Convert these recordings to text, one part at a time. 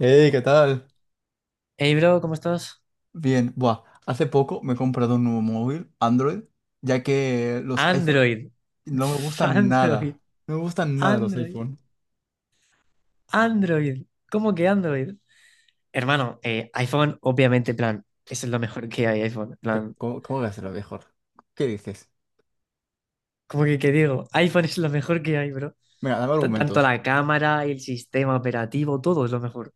Hey, ¿qué tal? Hey bro, ¿cómo estás? Bien, buah, hace poco me he comprado un nuevo móvil, Android, ya que los iPhone Android. no me Pf, gustan Android. nada. No me gustan nada los Android. iPhone. Android. ¿Cómo que Android? Hermano, iPhone, obviamente, en plan, eso es lo mejor que hay, iPhone. En Pero plan, ¿cómo voy a hacerlo mejor? ¿Qué dices? ¿cómo que qué digo? iPhone es lo mejor que hay, bro. Mira, dame Tanto argumentos. la cámara, el sistema operativo, todo es lo mejor.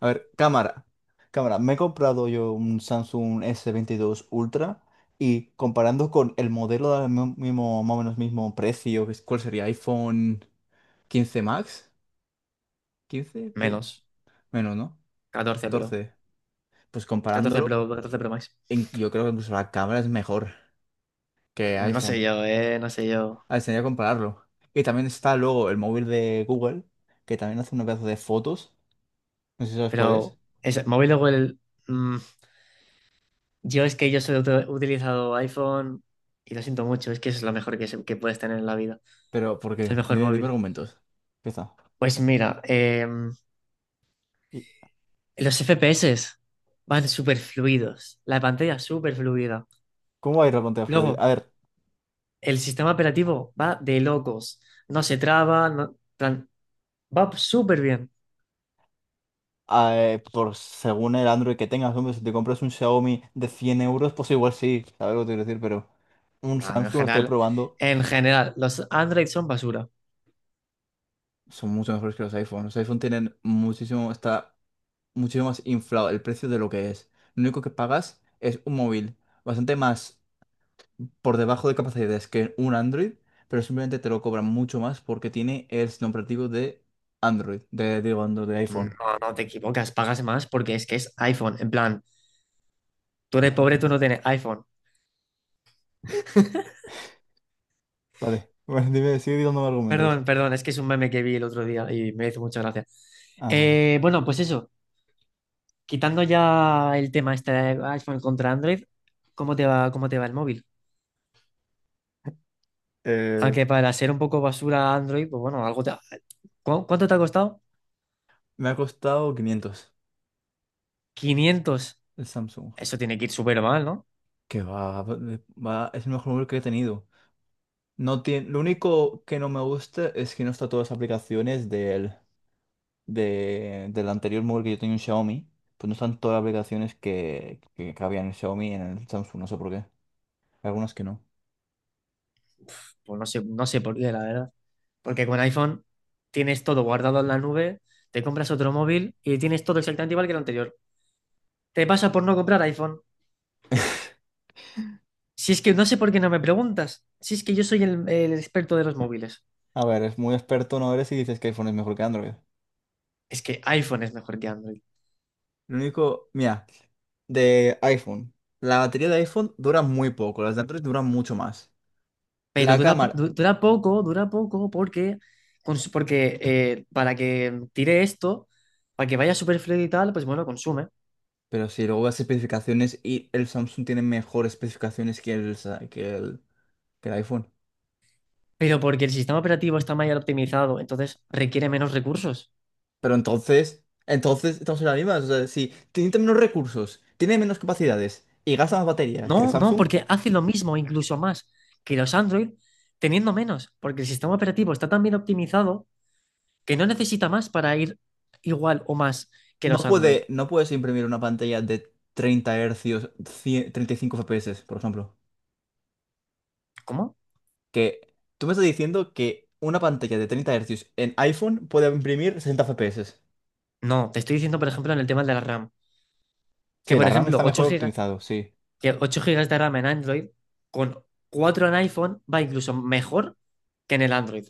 A ver, cámara. Cámara, me he comprado yo un Samsung s veintidós Ultra y comparando con el modelo del mismo, más o menos mismo precio, ¿cuál sería? iPhone 15 Max, 15 de- Menos menos, ¿no? 14 Pro. 14. Pues 14 comparándolo. Pro, 14 Pro Max. Yo creo que incluso la cámara es mejor que No sé iPhone. yo, no sé yo. Ah, enseñar. A ver, que compararlo. Y también está luego el móvil de Google, que también hace un pedazo de fotos. No sé si sabes cuál es. Pero, es, me voy luego el. Yo es que yo solo he utilizado iPhone y lo siento mucho, es que es lo mejor que puedes tener en la vida. Pero ¿por Es el qué? mejor Dime móvil. argumentos. Empieza. Pues mira, ¿Y los FPS van súper fluidos, la pantalla súper fluida. cómo va a ir la pantalla fluida? A Luego, ver, el sistema operativo va de locos, no se traba, plan, va súper bien. Por según el Android que tengas, hombre, si te compras un Xiaomi de 100 euros, pues igual sí, sabes lo que te quiero decir, pero un Ah, pero Samsung lo estoy probando. en general, los Android son basura. Son mucho mejores que los iPhones. Los iPhone tienen muchísimo. Está muchísimo más inflado el precio de lo que es. Lo único que pagas es un móvil bastante más por debajo de capacidades que un Android, pero simplemente te lo cobran mucho más porque tiene el sistema operativo de Android, de, digo, Android, de iPhone. No, no te equivocas, pagas más porque es que es iPhone. En plan, tú eres pobre, tú no tienes iPhone. Vale, bueno, dime, sigue dando argumentos. Perdón, perdón, es que es un meme que vi el otro día y me hizo mucha gracia. Ah, vale. Bueno, pues eso, quitando ya el tema este de iPhone contra Android, cómo te va el móvil? Eh, Aunque para ser un poco basura Android, pues bueno, algo te... ¿Cuánto te ha costado? Me ha costado 500 500. el Samsung. Eso tiene que ir súper mal, ¿no? Que va, es el mejor móvil que he tenido. No tiene, lo único que no me gusta es que no está todas las aplicaciones del anterior móvil que yo tenía un Xiaomi, pues no están todas las aplicaciones que cabían en el Xiaomi y en el Samsung, no sé por qué. Algunas que no. Pues no sé, no sé por qué, la verdad. Porque con iPhone tienes todo guardado en la nube, te compras otro móvil y tienes todo exactamente igual que el anterior. Te pasa por no comprar iPhone. Si es que no sé por qué no me preguntas. Si es que yo soy el experto de los móviles. A ver, es muy experto, no eres y dices que iPhone es mejor que Android. Es que iPhone es mejor que Android. Lo único, mira, de iPhone. La batería de iPhone dura muy poco, las de Android duran mucho más. Pero La dura, cámara, dura poco, porque, porque para que tire esto, para que vaya super fluido y tal, pues bueno, consume. pero si luego las especificaciones y el Samsung tiene mejores especificaciones que el, sa- que el iPhone. Pero porque el sistema operativo está mayor optimizado, entonces requiere menos recursos. Pero entonces estamos en las mismas. O sea, si tiene menos recursos, tiene menos capacidades y gasta más batería que el No, no, Samsung, porque hace lo mismo, incluso más, que los Android, teniendo menos, porque el sistema operativo está tan bien optimizado que no necesita más para ir igual o más que no los Android. puede, no puedes imprimir una pantalla de 30 hercios, 100 35 FPS, por ejemplo. ¿Cómo? Que tú me estás diciendo que una pantalla de 30 hercios en iPhone puede imprimir 60 FPS. No, te estoy diciendo, por ejemplo, en el tema de la RAM. Que, Sí, por la RAM ejemplo, está 8 mejor gigas, optimizado, sí. que 8 gigas de RAM en Android con 4 en iPhone va incluso mejor que en el Android.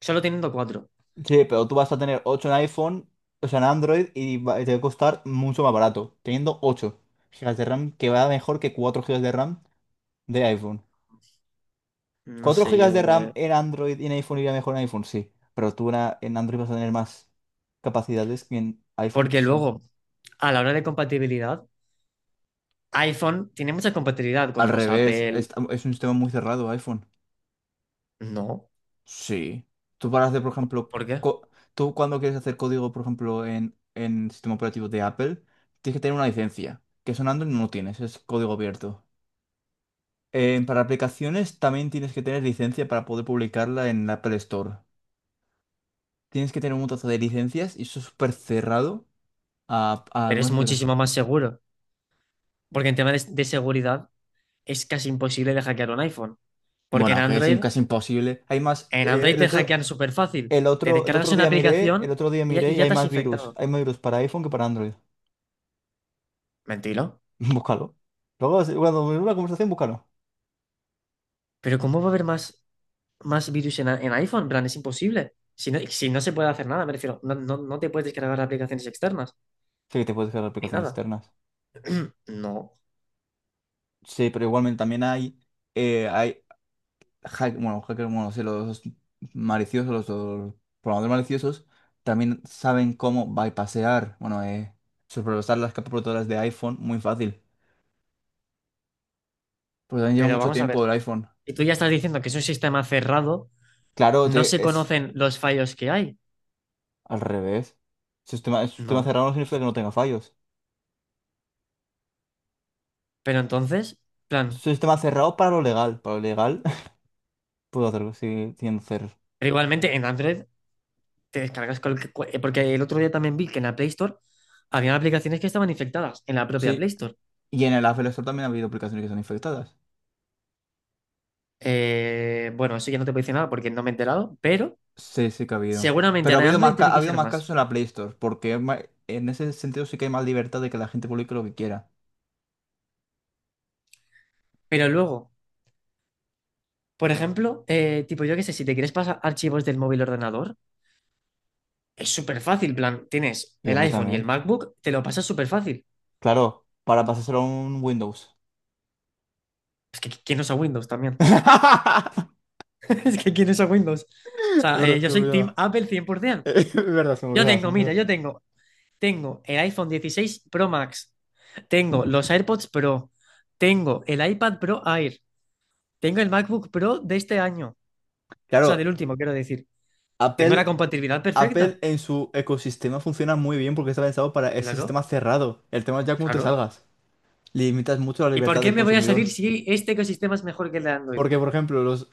Solo teniendo cuatro. Sí, pero tú vas a tener ocho en iPhone, o sea, en Android, te va a costar mucho más barato, teniendo 8 GB de RAM, que va mejor que 4 GB de RAM de iPhone. No Cuatro sé gigas de yo. RAM eh. en Android y en iPhone iría mejor en iPhone, sí. Pero en Android vas a tener más capacidades que en iPhone, Porque sí. luego, a la hora de compatibilidad, iPhone tiene mucha compatibilidad Al con los revés, Apple. es un sistema muy cerrado iPhone. No. Sí. Tú para hacer, por ejemplo, ¿Por qué? Tú cuando quieres hacer código, por ejemplo, en sistema operativo de Apple, tienes que tener una licencia, que eso en Android no lo tienes, es código abierto. Para aplicaciones también tienes que tener licencia para poder publicarla en la Apple Store. Tienes que tener un montazo de licencias y eso es súper cerrado. A Pero es algunas aplicaciones. muchísimo más seguro. Porque en tema de seguridad es casi imposible de hackear un iPhone. Porque en Bueno, que es Android. casi imposible. Hay más. En Android te hackean súper fácil. Te el descargas otro una día miré, el aplicación otro día miré y y ya hay te has más virus. infectado. Hay más virus para iPhone que para Android. Mentira. Búscalo. Luego, cuando en una conversación, búscalo. Pero ¿cómo va a haber más, más virus en iPhone? En plan, es imposible. Si no, si no se puede hacer nada, me refiero, no, no, no te puedes descargar aplicaciones externas, Sí que te puedes descargar ni aplicaciones nada. externas. No. Sí, pero igualmente también hay bueno, hackers, bueno, sí, los maliciosos, los programadores maliciosos, también saben cómo bypassear, bueno, sobrepasar las capas protectoras de iPhone muy fácil. Pues también lleva Pero mucho vamos a tiempo ver. el iPhone. Y tú ya estás diciendo que es un sistema cerrado, Claro, no te, se es, conocen los fallos que hay. al revés. Sistema No. cerrado no significa que no tenga fallos. Pero entonces, plan, Sistema cerrado para lo legal. Para lo legal puedo hacerlo sigue siendo cerrado. pero igualmente en Android te descargas porque el otro día también vi que en la Play Store había aplicaciones que estaban infectadas en la propia Play Sí. Store. Y en el Apple Store también ha habido aplicaciones que están infectadas. Bueno, eso ya no te puedo decir nada porque no me he enterado, pero Sí, sí que ha habido. seguramente Pero ha en habido Android más, ca- tiene ha que habido ser más más. casos en la Play Store, porque en ese sentido sí que hay más libertad de que la gente publique lo que quiera. Pero luego, por ejemplo, tipo yo qué sé, si te quieres pasar archivos del móvil al ordenador, es súper fácil, plan, tienes Y el ando iPhone y el también. MacBook, te lo pasas súper fácil. Claro, para pasárselo a un Windows. Es que ¿quién usa Windows también? Es que ¿quién usa Windows? O Es sea, verdad, yo se me soy Team olvidaba. Apple 100%. Es verdad, se me Yo olvidaba, se tengo, me mira, olvidaba. tengo el iPhone 16 Pro Max. Tengo los AirPods Pro, tengo el iPad Pro Air, tengo el MacBook Pro de este año, o sea, del Claro, último, quiero decir. Tengo la Apple. compatibilidad perfecta. Apple en su ecosistema funciona muy bien porque está pensado para ese Claro, sistema cerrado. El tema es ya cómo te claro. salgas. Limitas mucho la ¿Y por libertad qué del me voy a salir consumidor. si este ecosistema es mejor que el de Android? Porque, por ejemplo, los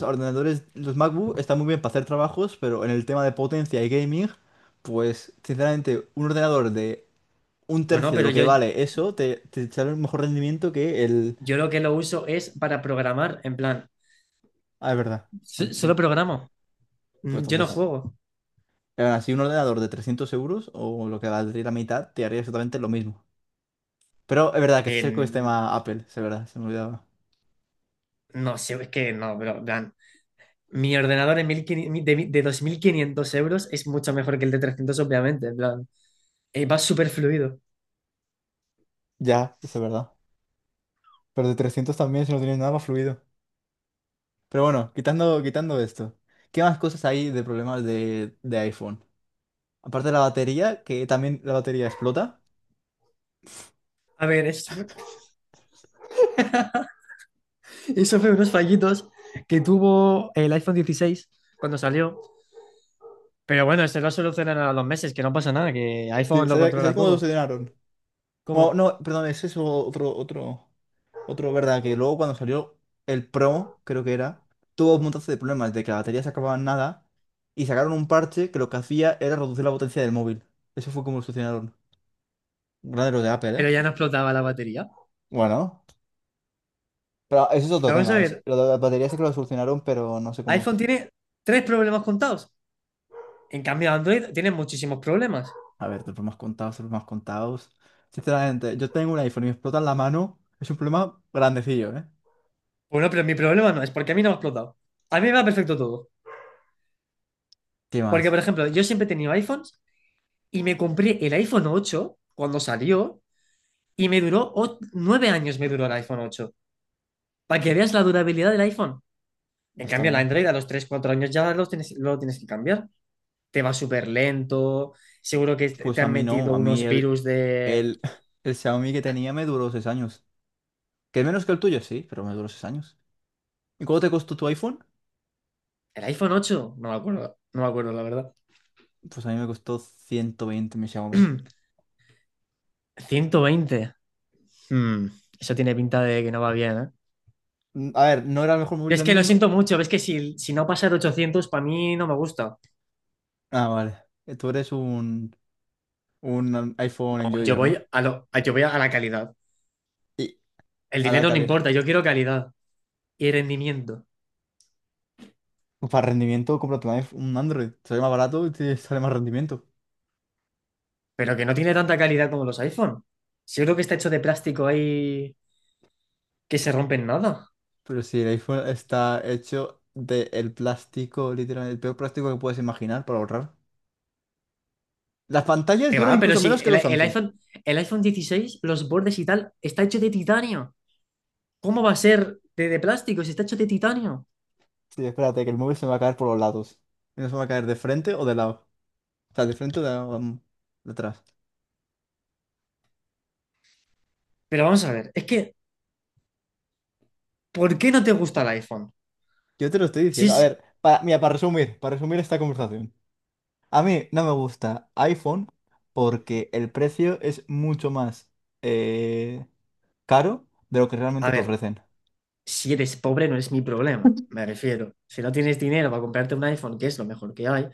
ordenadores, los MacBook están muy bien para hacer trabajos, pero en el tema de potencia y gaming, pues sinceramente, un ordenador de un Bueno, tercio de pero lo que yo, vale eso te sale un mejor rendimiento que el. yo lo que lo uso es para programar, en plan, Ah, es verdad. Ah, sí. solo programo. Pues Mm, yo no entonces, juego. aún así, un ordenador de 300 euros o lo que valdría la mitad te haría exactamente lo mismo. Pero es verdad que este es el En- ecosistema Apple, es verdad, se me olvidaba. no sé, es que no, bro, en plan, mi ordenador en 1500 de, de 2.500 euros es mucho mejor que el de 300 obviamente, en plan, va súper fluido. Ya, eso es verdad. Pero de 300 también, si no tienes nada más fluido. Pero bueno, quitando esto, ¿qué más cosas hay de problemas de iPhone? Aparte de la batería, que también la batería explota. A ver, eso fue unos fallitos que tuvo el iPhone 16 cuando salió. Pero bueno, esto lo solucionan a los meses, que no pasa nada, que Sí, iPhone lo ¿sabes controla cómo lo todo. solucionaron? Bueno, ¿Cómo? no, perdón, ese es otro, ¿verdad? Que luego cuando salió el Pro, creo que era, tuvo un montón de problemas de que la batería se acababa en nada y sacaron un parche que lo que hacía era reducir la potencia del móvil. Eso fue como lo solucionaron. Grande los de Apple, Pero ya ¿eh? no explotaba la batería. Bueno, pero ese es otro Pero vamos a tema. Es, ver, lo de las baterías sí que lo solucionaron, pero no sé cómo. iPhone tiene tres problemas contados. En cambio, Android tiene muchísimos problemas. A ver, de problemas contados, de problemas contados. Sinceramente, yo tengo un iPhone y me explota en la mano. Es un problema grandecillo, ¿eh? Bueno, pero mi problema no es porque a mí no me ha explotado. A mí me va perfecto todo. ¿Qué Porque, más? por ejemplo, yo siempre he tenido iPhones y me compré el iPhone 8 cuando salió y me duró 9 años me duró el iPhone 8. Para que veas la durabilidad del iPhone. No En está cambio, el mal. Android a los 3 o 4 años ya los tienes, lo tienes que cambiar. Te va súper lento. Seguro que te Pues a han mí no, metido a mí unos virus de. el, el Xiaomi que tenía me duró 6 años. Que es menos que el tuyo, sí, pero me duró 6 años. ¿Y cuánto te costó tu iPhone? ¿El iPhone ocho? No me acuerdo. No me acuerdo, la verdad. Pues a mí me costó 120 mi Xiaomi. 120. Hmm, Eso tiene pinta de que no va bien, ¿eh? A ver, no era el mejor móvil Es del que lo mundo. siento mucho. Ves que si, si no pasa de 800, para mí no me gusta. Ah, vale. Tú eres un iPhone Yo enjoyer, voy ¿no? a lo- a- yo voy a la calidad. Y El a la dinero no importa. calidad. Yo quiero calidad y rendimiento. Para rendimiento, cómprate un Android. Sale más barato y te sale más rendimiento. Pero que no tiene tanta calidad como los iPhone. Si yo creo que está hecho de plástico ahí que se rompe en nada. Pero si el iPhone está hecho de el plástico, literalmente, el peor plástico que puedes imaginar para ahorrar. Las pantallas Que duran va, pero incluso si menos que el, los el Samsung. iPhone, el iPhone 16, los bordes y tal, está hecho de titanio. ¿Cómo va a ser de plástico si está hecho de titanio? Sí, espérate, que el móvil se me va a caer por los lados. Y no se me va a caer de frente o de lado. O sea, de frente o de, lado, de atrás. Pero vamos a ver, es que, ¿por qué no te gusta el iPhone? Yo te lo estoy Si diciendo. es, A ver, mira, para resumir esta conversación. A mí no me gusta iPhone porque el precio es mucho más. eh, caro de lo que a realmente te ver, ofrecen. si eres pobre no es mi problema, me refiero. Si no tienes dinero para comprarte un iPhone, que es lo mejor que hay,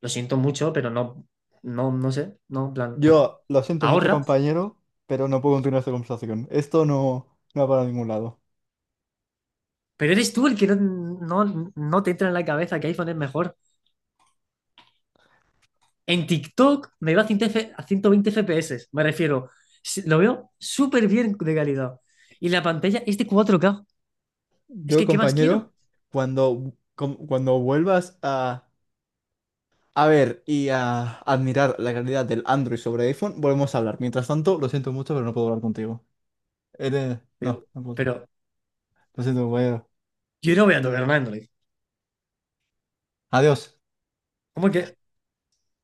lo siento mucho, pero no, no, no sé, no, en plan, Yo lo siento mucho, ahorra. compañero, pero no puedo continuar esta conversación. Esto no va para ningún lado. Pero eres tú el que no te entra en la cabeza que iPhone es mejor. En TikTok me va a 100 a 120 FPS, me refiero. Lo veo súper bien de calidad. Y la pantalla es de 4K. Es Yo, que, ¿qué más compañero, quiero? cuando vuelvas a, ver y a admirar la calidad del Android sobre iPhone, volvemos a hablar. Mientras tanto, lo siento mucho, pero no puedo hablar contigo. Eres. Pero, No, no puedo. pero Lo siento, compañero. yo no voy a tocar un Android. Adiós. ¿Cómo que?